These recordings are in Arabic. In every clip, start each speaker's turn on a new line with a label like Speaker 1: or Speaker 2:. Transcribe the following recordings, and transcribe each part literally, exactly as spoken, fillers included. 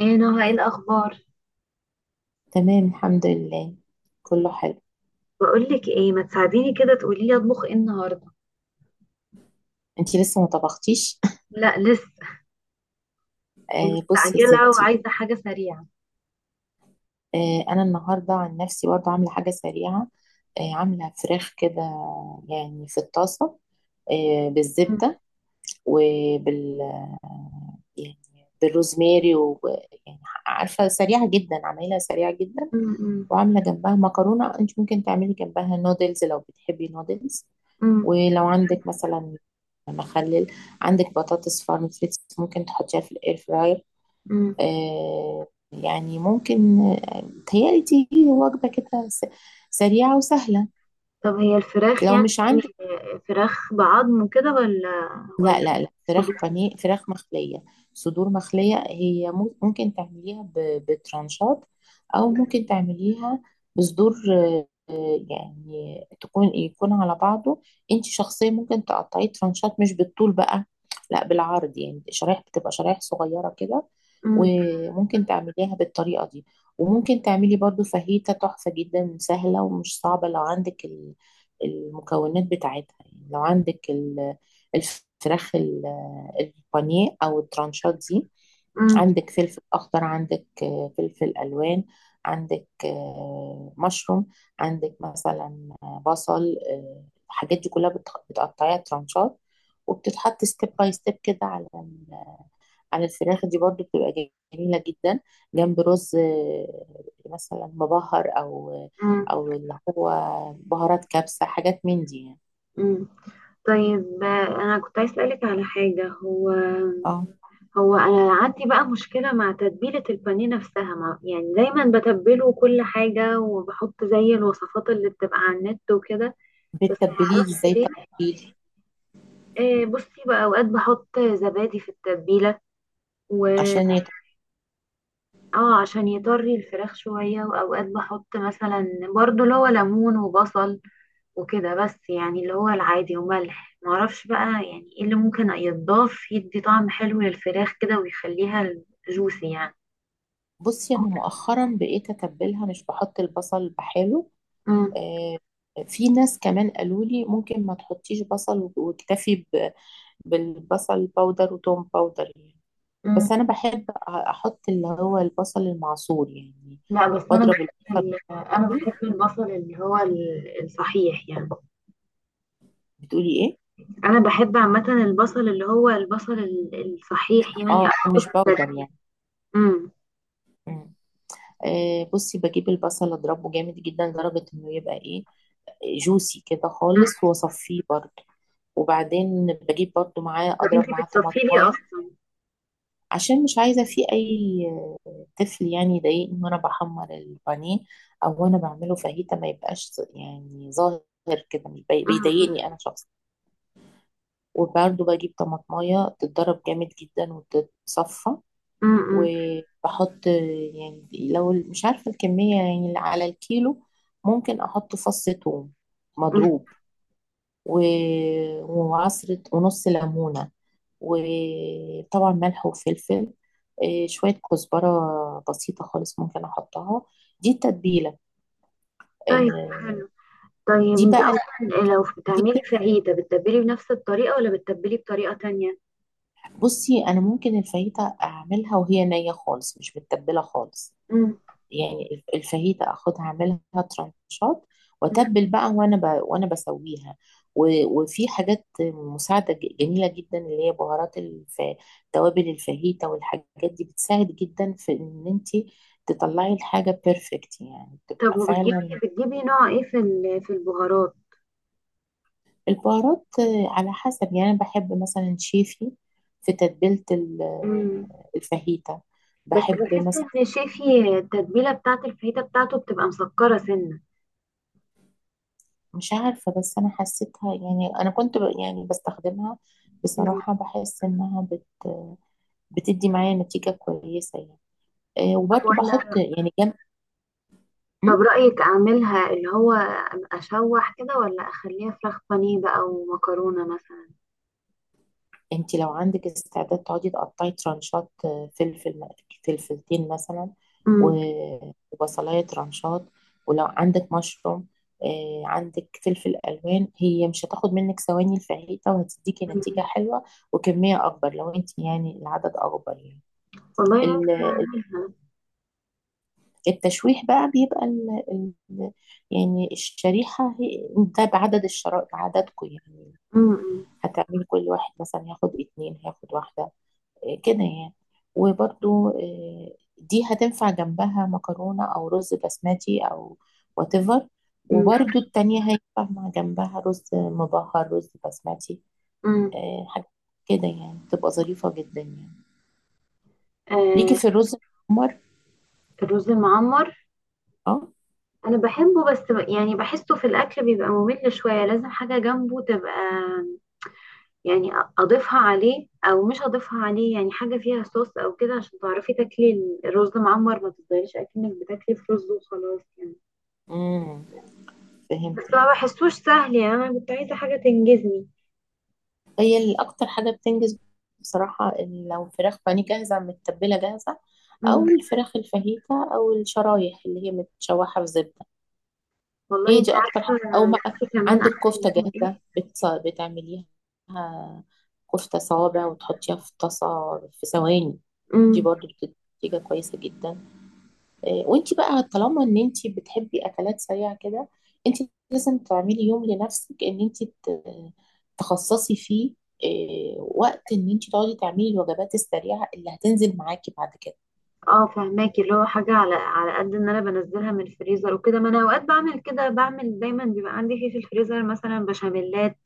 Speaker 1: ايه نهى، ايه الاخبار؟
Speaker 2: تمام، الحمد لله. كله حلو.
Speaker 1: بقولك ايه، ما تساعديني كده تقولي لي اطبخ ايه النهارده؟
Speaker 2: انتي لسه ما طبختيش؟
Speaker 1: لا لسه.
Speaker 2: آه بصي يا
Speaker 1: مستعجله
Speaker 2: ستي.
Speaker 1: وعايزه حاجه سريعه.
Speaker 2: آه، انا النهارده عن نفسي برضه عامله حاجه سريعه. آه، عامله فراخ كده، يعني في الطاسه، آه بالزبده، وبال آه، يعني بالروزماري، ويعني عارفه سريعه جدا، عاملاها سريعه جدا.
Speaker 1: مم. مم.
Speaker 2: وعامله جنبها مكرونه. انت ممكن تعملي جنبها نودلز لو بتحبي نودلز.
Speaker 1: مم.
Speaker 2: ولو عندك مثلا مخلل، عندك بطاطس فارم فريتس، ممكن تحطيها في الاير فراير.
Speaker 1: مم.
Speaker 2: آه يعني ممكن، آه، تهيألي دي وجبة كده س- سريعة وسهلة.
Speaker 1: طب هي الفراخ
Speaker 2: لو
Speaker 1: يعني؟
Speaker 2: مش عندك،
Speaker 1: إيه، فراخ بعظم كده ولا ولا
Speaker 2: لا لا لا، فراخ
Speaker 1: صدور؟
Speaker 2: بانيه، فراخ مخلية، صدور مخلية. هي مو- ممكن تعمليها ب- بترانشات، أو ممكن تعمليها بصدور، آه، آه، يعني تكون، يكون على بعضه. انت شخصيا ممكن تقطعيه ترانشات مش بالطول بقى، لا بالعرض. يعني شرايح، بتبقى شرايح صغيرة كده.
Speaker 1: مم.
Speaker 2: وممكن تعمليها بالطريقة دي. وممكن تعملي برضو فاهيتا تحفة جدا، سهلة ومش صعبة لو عندك ال- المكونات بتاعتها. يعني لو عندك الفراخ، ال- البانيه او الترانشات دي،
Speaker 1: مم.
Speaker 2: عندك فلفل اخضر، عندك آه، فلفل الوان، عندك آه، مشروم، عندك مثلا آه، بصل، آه، الحاجات دي كلها بتخ- بتقطعيها ترانشات، وبتتحط ستيب باي ستيب كده على ال- على الفراخ دي. برضو بتبقى جميله جدا جنب رز، آه، مثلا مبهر، او
Speaker 1: مم.
Speaker 2: او اللي هو بهارات كبسه، حاجات من دي يعني.
Speaker 1: مم. طيب، آه، انا كنت عايز اسالك على حاجه. هو
Speaker 2: اه،
Speaker 1: هو انا عندي بقى مشكله مع تتبيله البانيه نفسها، ما يعني دايما بتبله كل حاجه وبحط زي الوصفات اللي بتبقى على النت وكده، بس ما
Speaker 2: بتتبليه
Speaker 1: اعرفش
Speaker 2: ازاي؟
Speaker 1: ليه.
Speaker 2: تتبيله،
Speaker 1: آه، بصي بقى، اوقات بحط زبادي في التتبيله و
Speaker 2: عشان يت...
Speaker 1: اه عشان يطري الفراخ شويه، واوقات بحط مثلا برضو اللي هو ليمون وبصل وكده، بس يعني اللي هو العادي وملح. ما اعرفش بقى يعني ايه اللي ممكن يتضاف يدي طعم حلو للفراخ كده ويخليها جوسي يعني.
Speaker 2: بصي، انا مؤخرا بقيت اتبلها مش بحط البصل بحاله. آه، في ناس كمان قالوا لي ممكن ما تحطيش بصل واكتفي ب... بالبصل باودر وتوم باودر يعني. بس
Speaker 1: مم.
Speaker 2: انا بحب أ- احط اللي هو البصل المعصور يعني.
Speaker 1: لا بس انا
Speaker 2: بضرب
Speaker 1: بحب
Speaker 2: البصل
Speaker 1: ال- انا
Speaker 2: قوي.
Speaker 1: بحب البصل اللي هو ال- الصحيح يعني.
Speaker 2: بتقولي ايه؟
Speaker 1: انا بحب عامه البصل اللي هو البصل ال- الصحيح يعني
Speaker 2: اه
Speaker 1: احطه في
Speaker 2: مش باودر
Speaker 1: التتبيله.
Speaker 2: يعني.
Speaker 1: امم.
Speaker 2: مم. آه، بصي، بجيب البصل اضربه جامد جدا لدرجة انه يبقى ايه، جوسي كده
Speaker 1: أمم.
Speaker 2: خالص، واصفيه برضه. وبعدين بجيب برضه معاه،
Speaker 1: طب
Speaker 2: اضرب
Speaker 1: انتي
Speaker 2: معاه
Speaker 1: بتصفي لي
Speaker 2: طماطمايه،
Speaker 1: اصلا؟
Speaker 2: عشان مش عايزه فيه اي طفل يعني يضايقني وانا بحمر البانيه او وانا بعمله فاهيتا. ما يبقاش يعني ظاهر كده، مش بي-
Speaker 1: أمم.
Speaker 2: بيضايقني انا شخصيا. وبرضه بجيب طماطمايه تتضرب جامد جدا وتتصفى.
Speaker 1: أمم. أمم.
Speaker 2: وبحط، يعني لو مش عارفه الكميه، يعني على الكيلو، ممكن احط فص ثوم
Speaker 1: أمم.
Speaker 2: مضروب، و- وعصرة ونص ليمونة، وطبعا ملح وفلفل، آه، شوية كزبرة بسيطة خالص ممكن أحطها. دي التتبيلة.
Speaker 1: طيب
Speaker 2: آه،
Speaker 1: حلو. طيب
Speaker 2: دي
Speaker 1: انتي
Speaker 2: بقى ال-
Speaker 1: اصلا لو
Speaker 2: دي
Speaker 1: بتعملي
Speaker 2: بت-
Speaker 1: فاهيتا بتتبلي بنفس الطريقه ولا بتتبلي بطريقه تانية؟
Speaker 2: بصي، أنا ممكن الفايتة أعملها وهي نية خالص، مش متبلة خالص.
Speaker 1: امم.
Speaker 2: يعني الفاهيتا اخدها، اعملها ترانشات،
Speaker 1: أمم.
Speaker 2: واتبل بقى وانا ب... وانا بسويها. و... وفي حاجات مساعده ج- جميله جدا، اللي هي بهارات الف... توابل الفاهيتا. والحاجات دي بتساعد جدا في ان انت تطلعي الحاجه بيرفكت، يعني
Speaker 1: طب
Speaker 2: تبقى
Speaker 1: وبتجيبي
Speaker 2: فعلا.
Speaker 1: بتجيبي نوع ايه في ال- في البهارات؟
Speaker 2: البهارات، آه، على حسب. يعني انا بحب مثلا شيفي في تتبيله ال-
Speaker 1: امم.
Speaker 2: الفاهيتا.
Speaker 1: بس
Speaker 2: بحب
Speaker 1: بحس
Speaker 2: مثلا،
Speaker 1: ان شيفي التتبيله بتاعت الفاهيتا بتاعته بتبقى مسكره سنه.
Speaker 2: مش عارفة، بس أنا حسيتها، يعني أنا كنت ب- يعني بستخدمها،
Speaker 1: مم.
Speaker 2: بصراحة بحس إنها بت- بتدي معايا نتيجة كويسة يعني. آه،
Speaker 1: طب
Speaker 2: وبرضه
Speaker 1: ولا
Speaker 2: بحط يعني جنب. م؟
Speaker 1: طب رايك اعملها اللي هو اشوح كده ولا اخليها فراخ بانيه بقى ومكرونه مثلا؟
Speaker 2: أنت لو عندك استعداد تقعدي تقطعي ترانشات، آه، فلفل م- فلفلتين مثلا،
Speaker 1: امم.
Speaker 2: و- وبصلاية ترانشات، ولو عندك مشروم، آه، عندك فلفل ألوان، هي مش هتاخد منك ثواني الفاهيتة، وهتديكي نتيجة
Speaker 1: مم.
Speaker 2: حلوة. وكمية أكبر لو أنت يعني العدد أكبر.
Speaker 1: والله ممكن
Speaker 2: يعني
Speaker 1: اعملها.
Speaker 2: التشويح بقى بيبقى ال... ال... يعني الشريحة هي، ده بعدد الشرائح، بعددكم يعني.
Speaker 1: امم.
Speaker 2: هتعمل كل واحد مثلا هياخد اتنين، هياخد واحدة، إيه كده يعني. وبرضو إيه، دي هتنفع جنبها مكرونة أو رز بسمتي أو whatever.
Speaker 1: مم.
Speaker 2: وبرضو التانية هينفع مع جنبها رز مبهر، رز بسمتي.
Speaker 1: امم.
Speaker 2: إيه، حاجة كده يعني تبقى ظريفة جدا يعني. ليكي
Speaker 1: آه.
Speaker 2: في الرز الأحمر.
Speaker 1: الرز المعمر
Speaker 2: اه.
Speaker 1: انا بحبه، بس ب- يعني بحسه في الاكل بيبقى ممل شويه، لازم حاجه جنبه تبقى يعني أ- اضيفها عليه او مش اضيفها عليه، يعني حاجه فيها صوص او كده عشان تعرفي تاكلي الرز معمر ما تفضليش اكنك بتاكلي في رز وخلاص يعني.
Speaker 2: امم،
Speaker 1: بس
Speaker 2: فهمتك.
Speaker 1: ما بحسوش سهل. يعني انا كنت عايزه حاجه تنجزني.
Speaker 2: هي اللي اكتر حاجه بتنجز بصراحه، إن لو فراخ بانيه جاهزه، متبله جاهزه،
Speaker 1: امم.
Speaker 2: او الفراخ الفاهيتا، او الشرايح اللي هي متشوحه في زبده.
Speaker 1: والله
Speaker 2: هي
Speaker 1: انت
Speaker 2: دي اكتر حاجة.
Speaker 1: عارفه،
Speaker 2: او ما
Speaker 1: نفسي كمان اعمل
Speaker 2: عندك كفته
Speaker 1: لهم
Speaker 2: جاهزه،
Speaker 1: ايه.
Speaker 2: بتص... بتعمليها كفته صوابع وتحطيها في طاسه في ثواني. دي
Speaker 1: امم.
Speaker 2: برضو بتدي نتيجه كويسه جدا. آه، وانت بقى طالما ان انت بتحبي اكلات سريعه كده، انت لازم تعملي يوم لنفسك ان انت ت- تخصصي فيه، آه، وقت ان انت تقعدي تعملي الوجبات السريعه اللي هتنزل معاكي بعد
Speaker 1: اه فهماكي، اللي هو حاجه على على قد ان انا بنزلها من الفريزر وكده. ما انا اوقات بعمل كده، بعمل دايما بيبقى عندي في في الفريزر مثلا بشاميلات،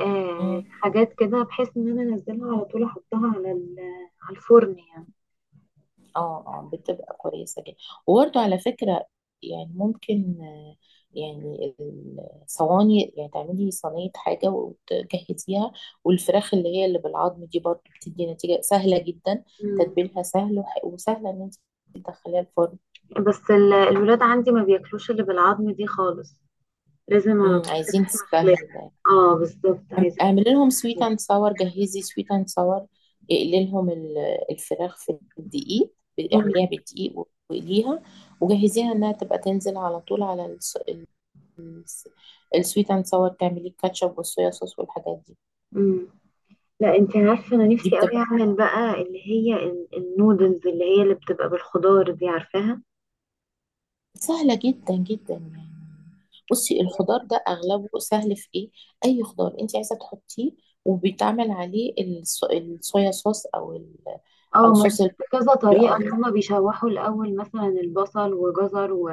Speaker 1: آه،
Speaker 2: كده.
Speaker 1: حاجات كده بحيث ان انا انزلها على طول احطها على ال- على الفرن يعني.
Speaker 2: اه اه، بتبقى كويسة جدا. وبرده على فكرة، يعني ممكن، آه، يعني الصواني، يعني تعملي صينية حاجة وتجهزيها. والفراخ اللي هي اللي بالعظم دي برضه بتدي نتيجة سهلة جدا،
Speaker 1: مم.
Speaker 2: تتبيلها سهل وح- وسهلة ان انت تدخليها الفرن.
Speaker 1: بس ال- الولاد عندي ما بياكلوش اللي بالعظم دي خالص، لازم على
Speaker 2: امم،
Speaker 1: طول في
Speaker 2: عايزين
Speaker 1: لحمة
Speaker 2: سهل
Speaker 1: خلاف.
Speaker 2: ده.
Speaker 1: اه بالظبط،
Speaker 2: اعم-
Speaker 1: عايزة
Speaker 2: اعملي لهم سويت
Speaker 1: خلاف.
Speaker 2: اند ساور، جهزي سويت اند ساور. اقلي لهم ال- الفراخ في الدقيق،
Speaker 1: مم.
Speaker 2: اعمليها بالدقيق واقليها، وجهزيها انها تبقى تنزل على طول على الس- السويت اند ساور، تعمليه الكاتشب والصويا صوص والحاجات دي.
Speaker 1: مم. لا انت عارفة، انا
Speaker 2: دي
Speaker 1: نفسي قوي
Speaker 2: بتبقى
Speaker 1: اعمل بقى اللي هي ال- النودلز اللي هي اللي بتبقى بالخضار دي، عارفاها؟
Speaker 2: سهلة جدا جدا يعني. بصي، الخضار ده اغلبه سهل في ايه. اي خضار انت عايزة تحطيه، وبيتعمل عليه الص- الصويا صوص، او ال... او
Speaker 1: اه ما أنا
Speaker 2: صوص
Speaker 1: شفت
Speaker 2: الباربيكيو،
Speaker 1: كذا طريقة ان
Speaker 2: او
Speaker 1: هما بيشوحوا الاول مثلا البصل وجزر و...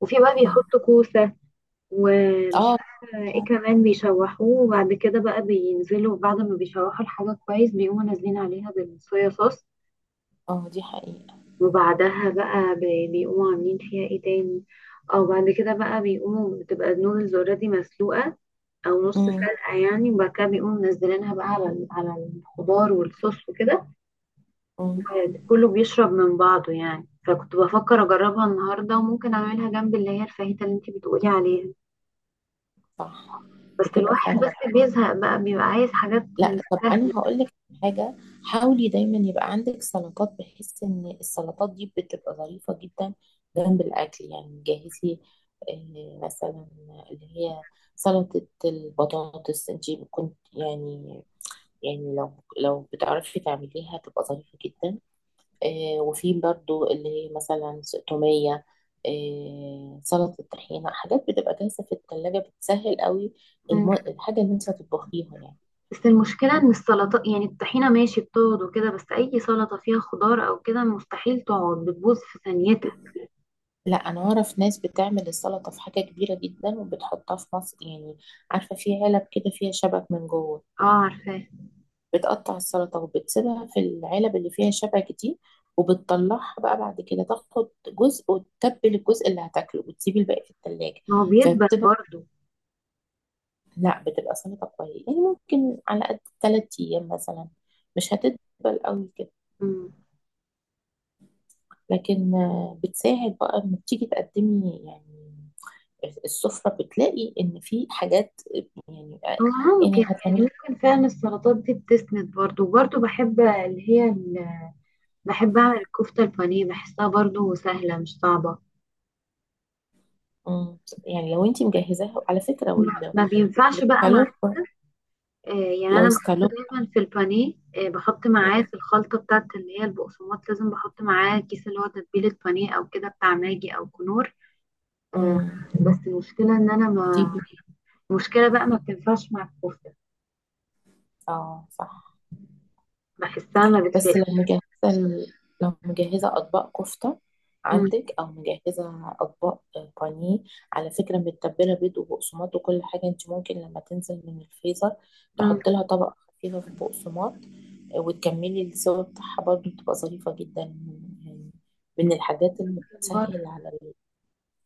Speaker 1: وفي بقى
Speaker 2: مم.
Speaker 1: بيحطوا كوسة ومش
Speaker 2: اه
Speaker 1: فاكرة ايه كمان بيشوحوه، وبعد كده بقى بينزلوا بعد ما بيشوحوا الحاجة كويس بيقوموا نازلين عليها بالصويا صوص.
Speaker 2: اه، دي حقيقة.
Speaker 1: وبعدها بقى بي- بيقوموا عاملين فيها ايه تاني. او بعد كده بقى بيقوموا بتبقى النودلز اوريدي مسلوقة او نص
Speaker 2: مم.
Speaker 1: سلقة يعني، وبعد كده بيقوموا منزلينها بقى على ال- على الخضار والصوص وكده،
Speaker 2: مم.
Speaker 1: كله بيشرب من بعضه يعني. فكنت بفكر اجربها النهاردة وممكن اعملها جنب اللي هي الفاهيتا اللي انتي بتقولي عليها.
Speaker 2: صح.
Speaker 1: بس
Speaker 2: بتبقى
Speaker 1: الواحد
Speaker 2: سهلة.
Speaker 1: بس بيزهق بقى بيبقى عايز حاجات من
Speaker 2: لا طب
Speaker 1: السهل.
Speaker 2: انا هقول لك حاجه، حاولي دايما يبقى عندك سلطات، بحيث ان السلطات دي بتبقى ظريفه جدا جنب الاكل. يعني جهزي، آه، مثلا، اللي هي سلطه البطاطس، انت كنت يعني، يعني لو لو بتعرفي تعمليها تبقى ظريفه جدا. آه، وفي برضو اللي هي مثلا س- توميه، آه، سلطه طحينه، حاجات بتبقى جاهزه في الثلاجه، بتسهل قوي الم- الحاجه اللي انت هتطبخيها يعني.
Speaker 1: بس المشكلة ان السلطة يعني الطحينة ماشي بتقعد وكده، بس اي سلطة فيها خضار او كده مستحيل تقعد بتبوظ في ثانيتها.
Speaker 2: لا انا اعرف ناس بتعمل السلطه في حاجه كبيره جدا، وبتحطها في مصر يعني، عارفه في علب كده فيها شبك من جوه،
Speaker 1: اه عارفاه.
Speaker 2: بتقطع السلطه وبتسيبها في العلب اللي فيها شبك دي، وبتطلعها بقى بعد كده، تاخد جزء وتتبل الجزء اللي هتاكله، وتسيبي الباقي في التلاجة.
Speaker 1: ما هو بيدبل
Speaker 2: فبتبقى،
Speaker 1: برضه.
Speaker 2: لا بتبقى سلطه كويسه، يعني ممكن على قد تلات ايام مثلا، مش هتدبل قوي كده.
Speaker 1: مم.
Speaker 2: لكن آه، بتساعد بقى لما بتيجي تقدمي يعني السفرة، بتلاقي ان في حاجات يعني.
Speaker 1: هو ممكن
Speaker 2: يعني
Speaker 1: يعني
Speaker 2: هتعملي.
Speaker 1: ممكن فعلا السلطات دي بتسند برضه، وبرضه بحب اللي هي ال... بحب اعمل الكفتة البانيه بحسها برضه سهلة مش صعبة.
Speaker 2: مم. يعني لو انت مجهزاها على فكرة، وال-
Speaker 1: ما بينفعش بقى مع
Speaker 2: والسكالوب.
Speaker 1: آه يعني انا
Speaker 2: لو
Speaker 1: بحط
Speaker 2: سكالوب.
Speaker 1: دايما في البانيه، آه بحط معاه
Speaker 2: مم.
Speaker 1: في الخلطة بتاعت اللي هي البقسماط، لازم بحط معاه كيس اللي هو تتبيلة بانيه او كده بتاع ماجي او كنور. آه.
Speaker 2: مم.
Speaker 1: بس المشكلة ان انا
Speaker 2: دي
Speaker 1: ما
Speaker 2: بت-
Speaker 1: المشكلة بقى ما بتنفعش مع الكفتة،
Speaker 2: اه صح.
Speaker 1: بحسها ما
Speaker 2: بس لو
Speaker 1: بتلاقيش.
Speaker 2: مجهزة ال- لو مجهزة أطباق كفتة
Speaker 1: مم.
Speaker 2: عندك، أو مجهزة أطباق بانيه على فكرة، متبلة، بيض وبقسماط وكل حاجة، أنت ممكن لما تنزل من الفريزر
Speaker 1: مم.
Speaker 2: تحط لها طبقة خفيفة في البقسماط، آه، وتكملي السوا بتاعها، برضه بتبقى ظريفة جدا يعني، من الحاجات اللي
Speaker 1: بره.
Speaker 2: بتسهل على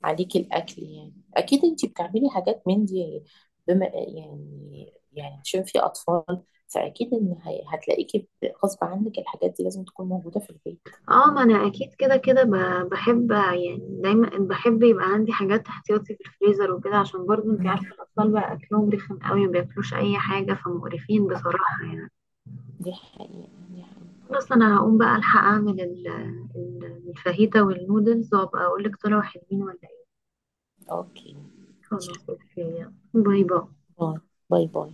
Speaker 2: عليكي الاكل يعني. اكيد انتي بتعملي حاجات من دي، بما يعني يعني عشان في اطفال، فاكيد ان هي- هتلاقيكي ب- غصب عنك الحاجات دي لازم تكون موجوده في البيت.
Speaker 1: اه ما انا اكيد كده كده ب- بحب، يعني دايما بحب يبقى عندي حاجات احتياطي في الفريزر وكده، عشان برضو انت
Speaker 2: مم.
Speaker 1: عارفة الاطفال بقى اكلهم رخم قوي ما بياكلوش اي حاجة، فمقرفين بصراحة يعني.
Speaker 2: دي حقيقه، دي حقيقه.
Speaker 1: خلاص انا هقوم بقى الحق اعمل ال- ال- الفاهيتا والنودلز، وابقى اقول لك طلعوا حلوين ولا ايه.
Speaker 2: اوكي.
Speaker 1: خلاص اوكي. يلا. باي باي.
Speaker 2: باي باي. باي.